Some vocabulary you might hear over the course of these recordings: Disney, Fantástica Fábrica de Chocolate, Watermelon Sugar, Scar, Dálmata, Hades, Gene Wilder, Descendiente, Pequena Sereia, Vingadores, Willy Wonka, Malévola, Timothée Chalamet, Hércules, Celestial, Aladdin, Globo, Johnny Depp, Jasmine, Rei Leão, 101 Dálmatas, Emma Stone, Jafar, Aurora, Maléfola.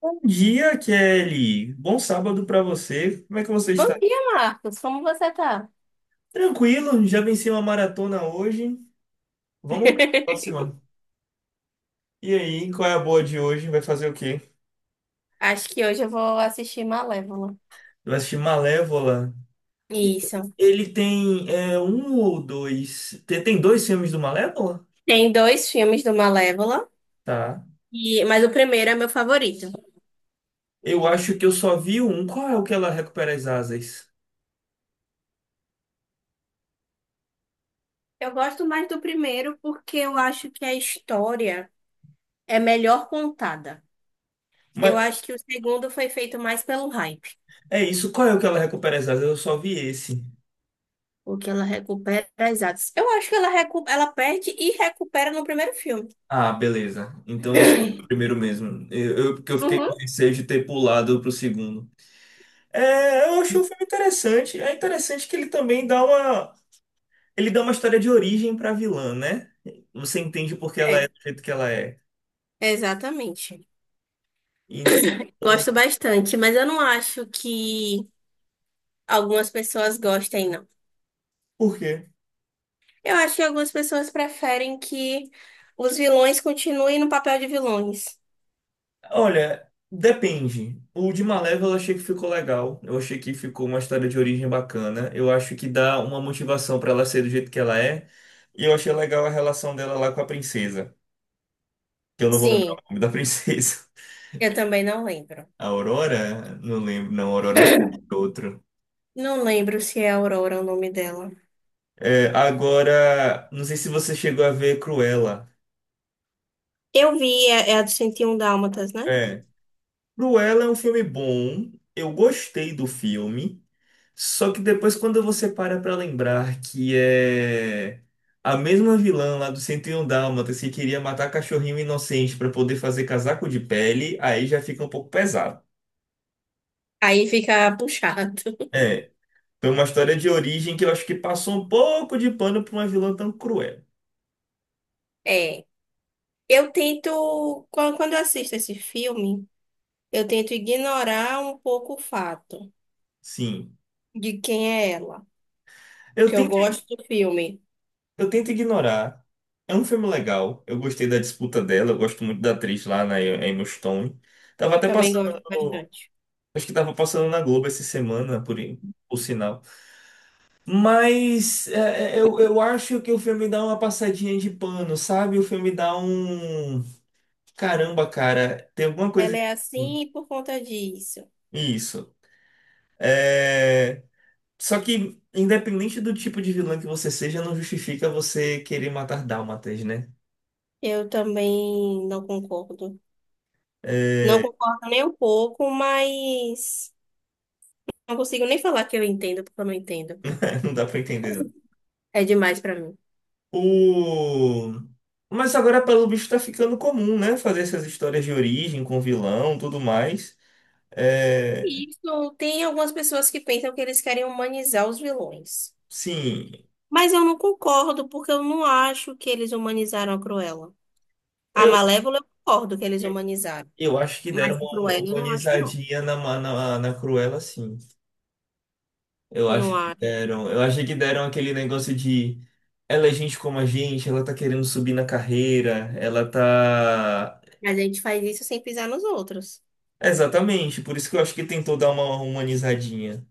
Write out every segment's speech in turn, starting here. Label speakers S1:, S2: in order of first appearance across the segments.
S1: Bom dia, Kelly. Bom sábado para você. Como é que você
S2: Bom
S1: está?
S2: dia, Marcos. Como você tá?
S1: Tranquilo, já venci uma maratona hoje. Vamos para a próxima. E aí, qual é a boa de hoje? Vai fazer o quê?
S2: Acho que hoje eu vou assistir Malévola.
S1: Vai assistir Malévola. E
S2: Isso.
S1: Ele tem um ou dois. Tem dois filmes do Malévola?
S2: Tem dois filmes do Malévola,
S1: Tá.
S2: e... mas o primeiro é meu favorito.
S1: Eu acho que eu só vi um. Qual é o que ela recupera as asas?
S2: Eu gosto mais do primeiro porque eu acho que a história é melhor contada. Eu
S1: Mas
S2: acho que o segundo foi feito mais pelo hype,
S1: é isso, qual é o que ela recupera as asas? Eu só vi esse.
S2: porque ela recupera as atos. Eu acho que ela, ela perde e recupera no primeiro filme.
S1: Ah, beleza. Então eu só o primeiro mesmo. Porque eu fiquei com
S2: Uhum.
S1: receio de ter pulado pro segundo. É, eu achei o filme interessante. É interessante que ele também dá uma. Ele dá uma história de origem pra vilã, né? Você entende por que ela
S2: É,
S1: é do jeito que ela é.
S2: exatamente.
S1: Então,
S2: Gosto bastante, mas eu não acho que algumas pessoas gostem, não.
S1: por quê?
S2: Eu acho que algumas pessoas preferem que os vilões continuem no papel de vilões.
S1: Olha, depende. O de Malévola eu achei que ficou legal. Eu achei que ficou uma história de origem bacana. Eu acho que dá uma motivação pra ela ser do jeito que ela é. E eu achei legal a relação dela lá com a princesa, que eu não vou lembrar o
S2: Sim,
S1: nome da princesa.
S2: eu também não lembro.
S1: A Aurora? Não lembro, não, a Aurora acho que é outro.
S2: Não lembro se é Aurora o nome dela.
S1: É, agora, não sei se você chegou a ver Cruella.
S2: Eu vi, é, é a do 101 Dálmatas, né?
S1: É. Cruella é um filme bom, eu gostei do filme, só que depois quando você para pra lembrar que é a mesma vilã lá do 101 Dálmatas que queria matar cachorrinho inocente pra poder fazer casaco de pele, aí já fica um pouco pesado.
S2: Aí fica puxado.
S1: É, foi uma história de origem que eu acho que passou um pouco de pano pra uma vilã tão cruel.
S2: É. Eu tento, quando eu assisto esse filme, eu tento ignorar um pouco o fato
S1: Sim.
S2: de quem é ela.
S1: Eu
S2: Que eu
S1: tento,
S2: gosto do filme.
S1: eu tento ignorar. É um filme legal. Eu gostei da disputa dela. Eu gosto muito da atriz lá, na Emma Stone. Tava até
S2: Também gosto
S1: passando.
S2: bastante.
S1: Acho que tava passando na Globo essa semana, por sinal. Mas eu acho que o filme dá uma passadinha de pano, sabe? O filme dá um. Caramba, cara, tem alguma coisa.
S2: Ela é assim por conta disso.
S1: Isso. É, só que, independente do tipo de vilã que você seja, não justifica você querer matar dálmatas, né?
S2: Eu também não concordo. Não concordo nem um pouco, mas não consigo nem falar que eu entendo, porque eu não entendo.
S1: Não dá pra entender, não.
S2: É demais pra mim.
S1: O... Mas agora, pelo bicho, tá ficando comum, né? Fazer essas histórias de origem com vilão, tudo mais. É...
S2: E isso tem algumas pessoas que pensam que eles querem humanizar os vilões.
S1: Sim,
S2: Mas eu não concordo, porque eu não acho que eles humanizaram a Cruella. A
S1: eu,
S2: Malévola, eu concordo que eles
S1: eu,
S2: humanizaram.
S1: eu acho que deram
S2: Mas a
S1: uma
S2: Cruella, eu não acho, não.
S1: humanizadinha na Cruella, sim. Eu
S2: Não
S1: acho que
S2: acho.
S1: deram. Eu achei que deram aquele negócio de ela é gente como a gente, ela tá querendo subir na carreira, ela tá.
S2: Mas a gente faz isso sem pisar nos outros.
S1: Exatamente, por isso que eu acho que tentou dar uma humanizadinha.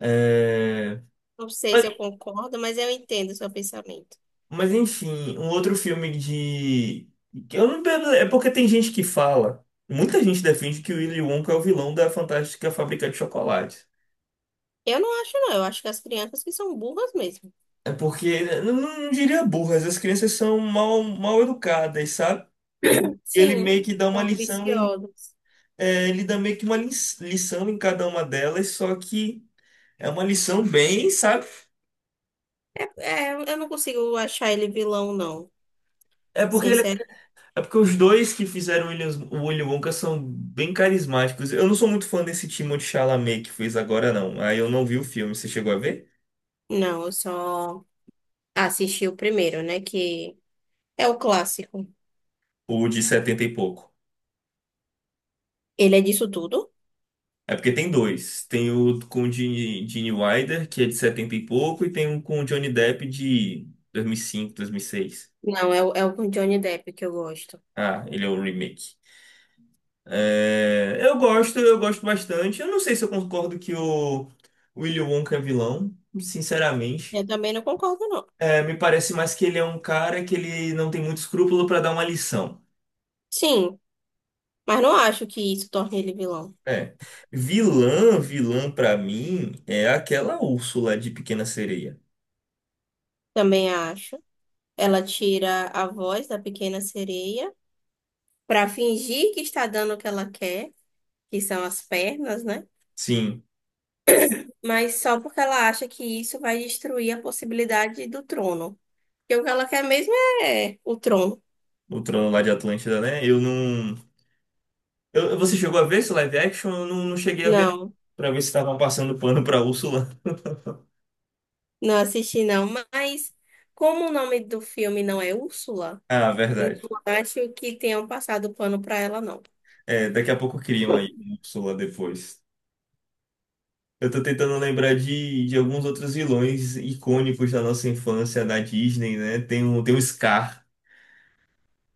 S1: É...
S2: Não sei se eu concordo, mas eu entendo o seu pensamento.
S1: Mas enfim, um outro filme de... que eu não... É porque tem gente que fala. Muita gente defende que o Willy Wonka é o vilão da Fantástica Fábrica de Chocolate.
S2: Eu não acho, não. Eu acho que as crianças que são burras mesmo.
S1: É porque, eu não, não diria burras, as crianças são mal educadas, sabe? Ele
S2: Sim,
S1: meio que dá
S2: são
S1: uma lição em...
S2: ambiciosos.
S1: Ele dá meio que uma lição em cada uma delas, só que é uma lição bem, sabe?
S2: É, é, eu não consigo achar ele vilão, não.
S1: É porque
S2: Sincero,
S1: É porque os dois que fizeram o o Willy Wonka são bem carismáticos. Eu não sou muito fã desse Timothée Chalamet que fez agora, não. Aí eu não vi o filme. Você chegou a ver?
S2: não, eu só assisti o primeiro, né? Que é o clássico.
S1: O de setenta e pouco.
S2: Ele é disso tudo?
S1: É porque tem dois. Tem o com o Gene Wilder, que é de 70 e pouco, e tem um com o Johnny Depp de 2005, seis.
S2: Não, é, é o com Johnny Depp que eu gosto.
S1: Ah, ele é o remake. É, eu gosto bastante. Eu não sei se eu concordo que o Willy Wonka é vilão, sinceramente.
S2: Eu também não concordo, não.
S1: É, me parece mais que ele é um cara que ele não tem muito escrúpulo pra dar uma lição.
S2: Sim, mas não acho que isso torne ele vilão.
S1: É. Vilã, vilã pra mim é aquela Úrsula de Pequena Sereia.
S2: Também acho. Ela tira a voz da pequena sereia pra fingir que está dando o que ela quer, que são as pernas, né?
S1: Sim,
S2: Mas só porque ela acha que isso vai destruir a possibilidade do trono. Porque o que ela quer mesmo é o trono.
S1: o trono lá de Atlântida, né? Eu não. eu- Você chegou a ver esse live action? Eu não, não cheguei a ver, não.
S2: Não,
S1: Pra ver se estavam passando pano pra Úrsula.
S2: não assisti não. Mas como o nome do filme não é Úrsula,
S1: Ah,
S2: não
S1: verdade.
S2: acho que tenham passado pano pra ela, não.
S1: É, daqui a pouco criam aí Úrsula depois. Eu tô tentando lembrar de alguns outros vilões icônicos da nossa infância na Disney, né? Tem o Scar.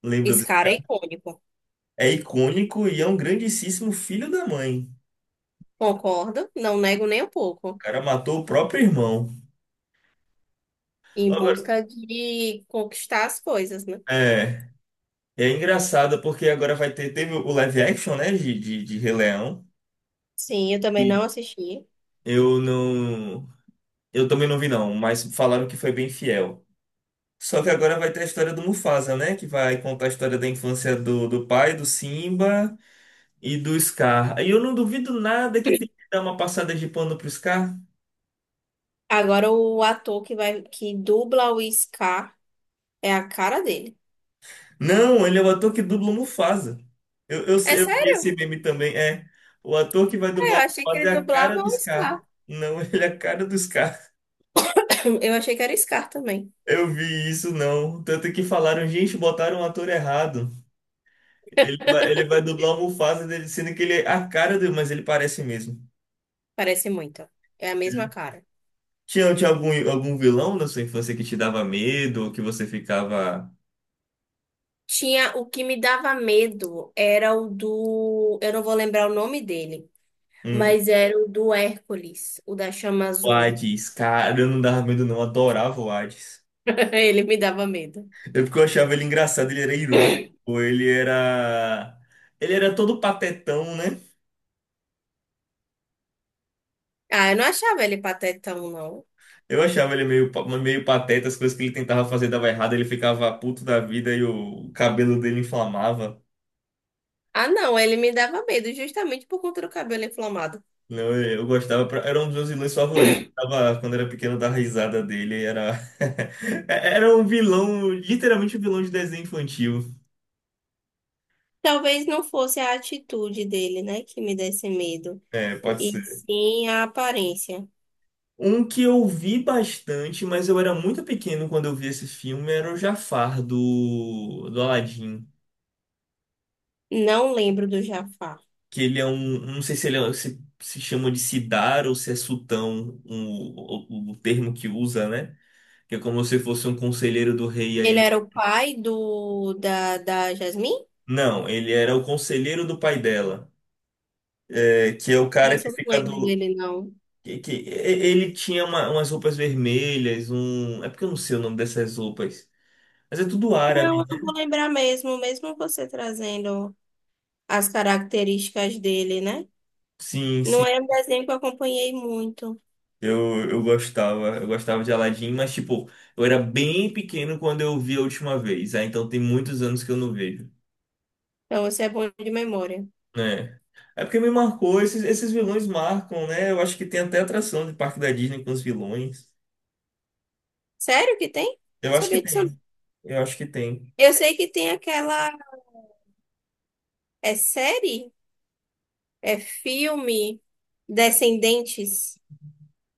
S1: Lembra
S2: Esse
S1: do...
S2: cara é icônico.
S1: É icônico e é um grandíssimo filho da mãe. O
S2: Concordo, não nego nem um pouco.
S1: cara matou o próprio irmão.
S2: Em
S1: Agora,
S2: busca de conquistar as coisas, né?
S1: É, é engraçado porque agora vai ter, teve o live action, né, de Rei Leão.
S2: Sim, eu também não
S1: E
S2: assisti.
S1: eu não. Eu também não vi, não, mas falaram que foi bem fiel. Só que agora vai ter a história do Mufasa, né? Que vai contar a história da infância do pai, do Simba e do Scar. E eu não duvido nada que tem que dar uma passada de pano pro Scar.
S2: Agora o ator que vai que dubla o Scar é a cara dele.
S1: Não, ele é o ator que dubla o Mufasa.
S2: É.
S1: Eu vi esse meme também. É, o ator que vai
S2: Eu
S1: dublar o
S2: achei que ele
S1: Mufasa é a
S2: dublava
S1: cara do
S2: o Scar.
S1: Scar. Não, ele é a cara do Scar.
S2: Eu achei que era o Scar também.
S1: Eu vi isso, não. Tanto que falaram, gente, botaram um ator errado. Ele vai dublar o Mufasa, dele, sendo que ele é a cara dele, mas ele parece mesmo.
S2: Parece muito. É a mesma
S1: Ele-
S2: cara.
S1: tinha algum vilão na sua infância que te dava medo, ou que você ficava...
S2: Tinha o que me dava medo era o do. Eu não vou lembrar o nome dele,
S1: Hum,
S2: mas era o do Hércules, o da chama
S1: o
S2: azul.
S1: Hades, cara, eu não dava medo não, adorava o Hades.
S2: Ele me dava medo.
S1: É porque eu achava ele engraçado, ele era irônico, ele era. ele era todo patetão, né?
S2: Ah, eu não achava ele patetão, não.
S1: Eu achava ele meio pateta, as coisas que ele tentava fazer dava errado, ele ficava puto da vida e o cabelo dele inflamava.
S2: Ah, não, ele me dava medo justamente por conta do cabelo inflamado.
S1: Não, eu gostava, era um dos meus vilões favoritos. Tava, quando era pequeno, eu dava risada dele. Era, era um vilão, literalmente um vilão de desenho infantil.
S2: Talvez não fosse a atitude dele, né, que me desse medo,
S1: É, pode
S2: e
S1: ser.
S2: sim a aparência.
S1: Um que eu vi bastante, mas eu era muito pequeno quando eu vi esse filme, era o Jafar do Aladdin.
S2: Não lembro do Jafar.
S1: Que ele é um, não sei se se chama de Sidar ou se é Sultão, o termo que usa, né? Que é como se fosse um conselheiro do rei, aí
S2: Ele
S1: ele...
S2: era o pai do da, da Jasmine?
S1: Não, ele era o conselheiro do pai dela, que é o cara
S2: Isso
S1: que
S2: eu não
S1: fica
S2: lembro
S1: do...
S2: dele, não.
S1: Que, que- e- Ele tinha umas roupas vermelhas, um... É porque eu não sei o nome dessas roupas, mas é tudo
S2: Não,
S1: árabe,
S2: eu não
S1: né?
S2: vou lembrar mesmo, mesmo você trazendo as características dele, né?
S1: Sim,
S2: Não
S1: sim.
S2: é um desenho que eu acompanhei muito.
S1: Eu gostava de Aladdin, mas tipo, eu era bem pequeno quando eu vi a última vez, ah, então tem muitos anos que eu não vejo.
S2: Então você é bom de memória.
S1: É. É porque me marcou, esses vilões marcam, né? Eu acho que tem até atração de parque da Disney com os vilões.
S2: Sério que tem?
S1: Eu acho que
S2: Sabia disso, não.
S1: tem. Eu acho que tem.
S2: Eu sei que tem aquela. É série? É filme? Descendentes?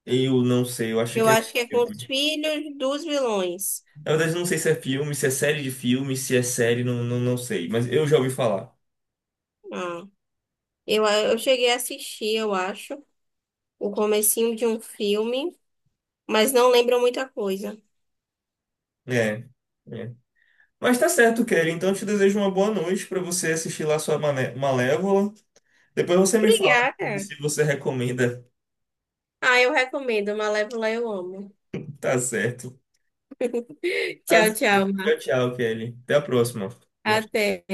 S1: Eu não sei, eu acho
S2: Eu
S1: que é
S2: acho que é com os
S1: filme.
S2: filhos dos vilões.
S1: Na verdade, eu não sei se é filme, se é série de filme, se é série, não, não, não sei. Mas eu já ouvi falar.
S2: Ah, eu cheguei a assistir, eu acho. O comecinho de um filme, mas não lembro muita coisa.
S1: É, é. Mas tá certo, Kelly. Então eu te desejo uma boa noite pra você assistir lá sua Malévola. Depois você me fala e
S2: Obrigada.
S1: se você recomenda.
S2: Ah, eu recomendo. Malévola eu amo.
S1: Tá certo. Tá
S2: Tchau, tchau.
S1: certo.
S2: Mar.
S1: Tchau, tchau, Kelly. Até a próxima.
S2: Até.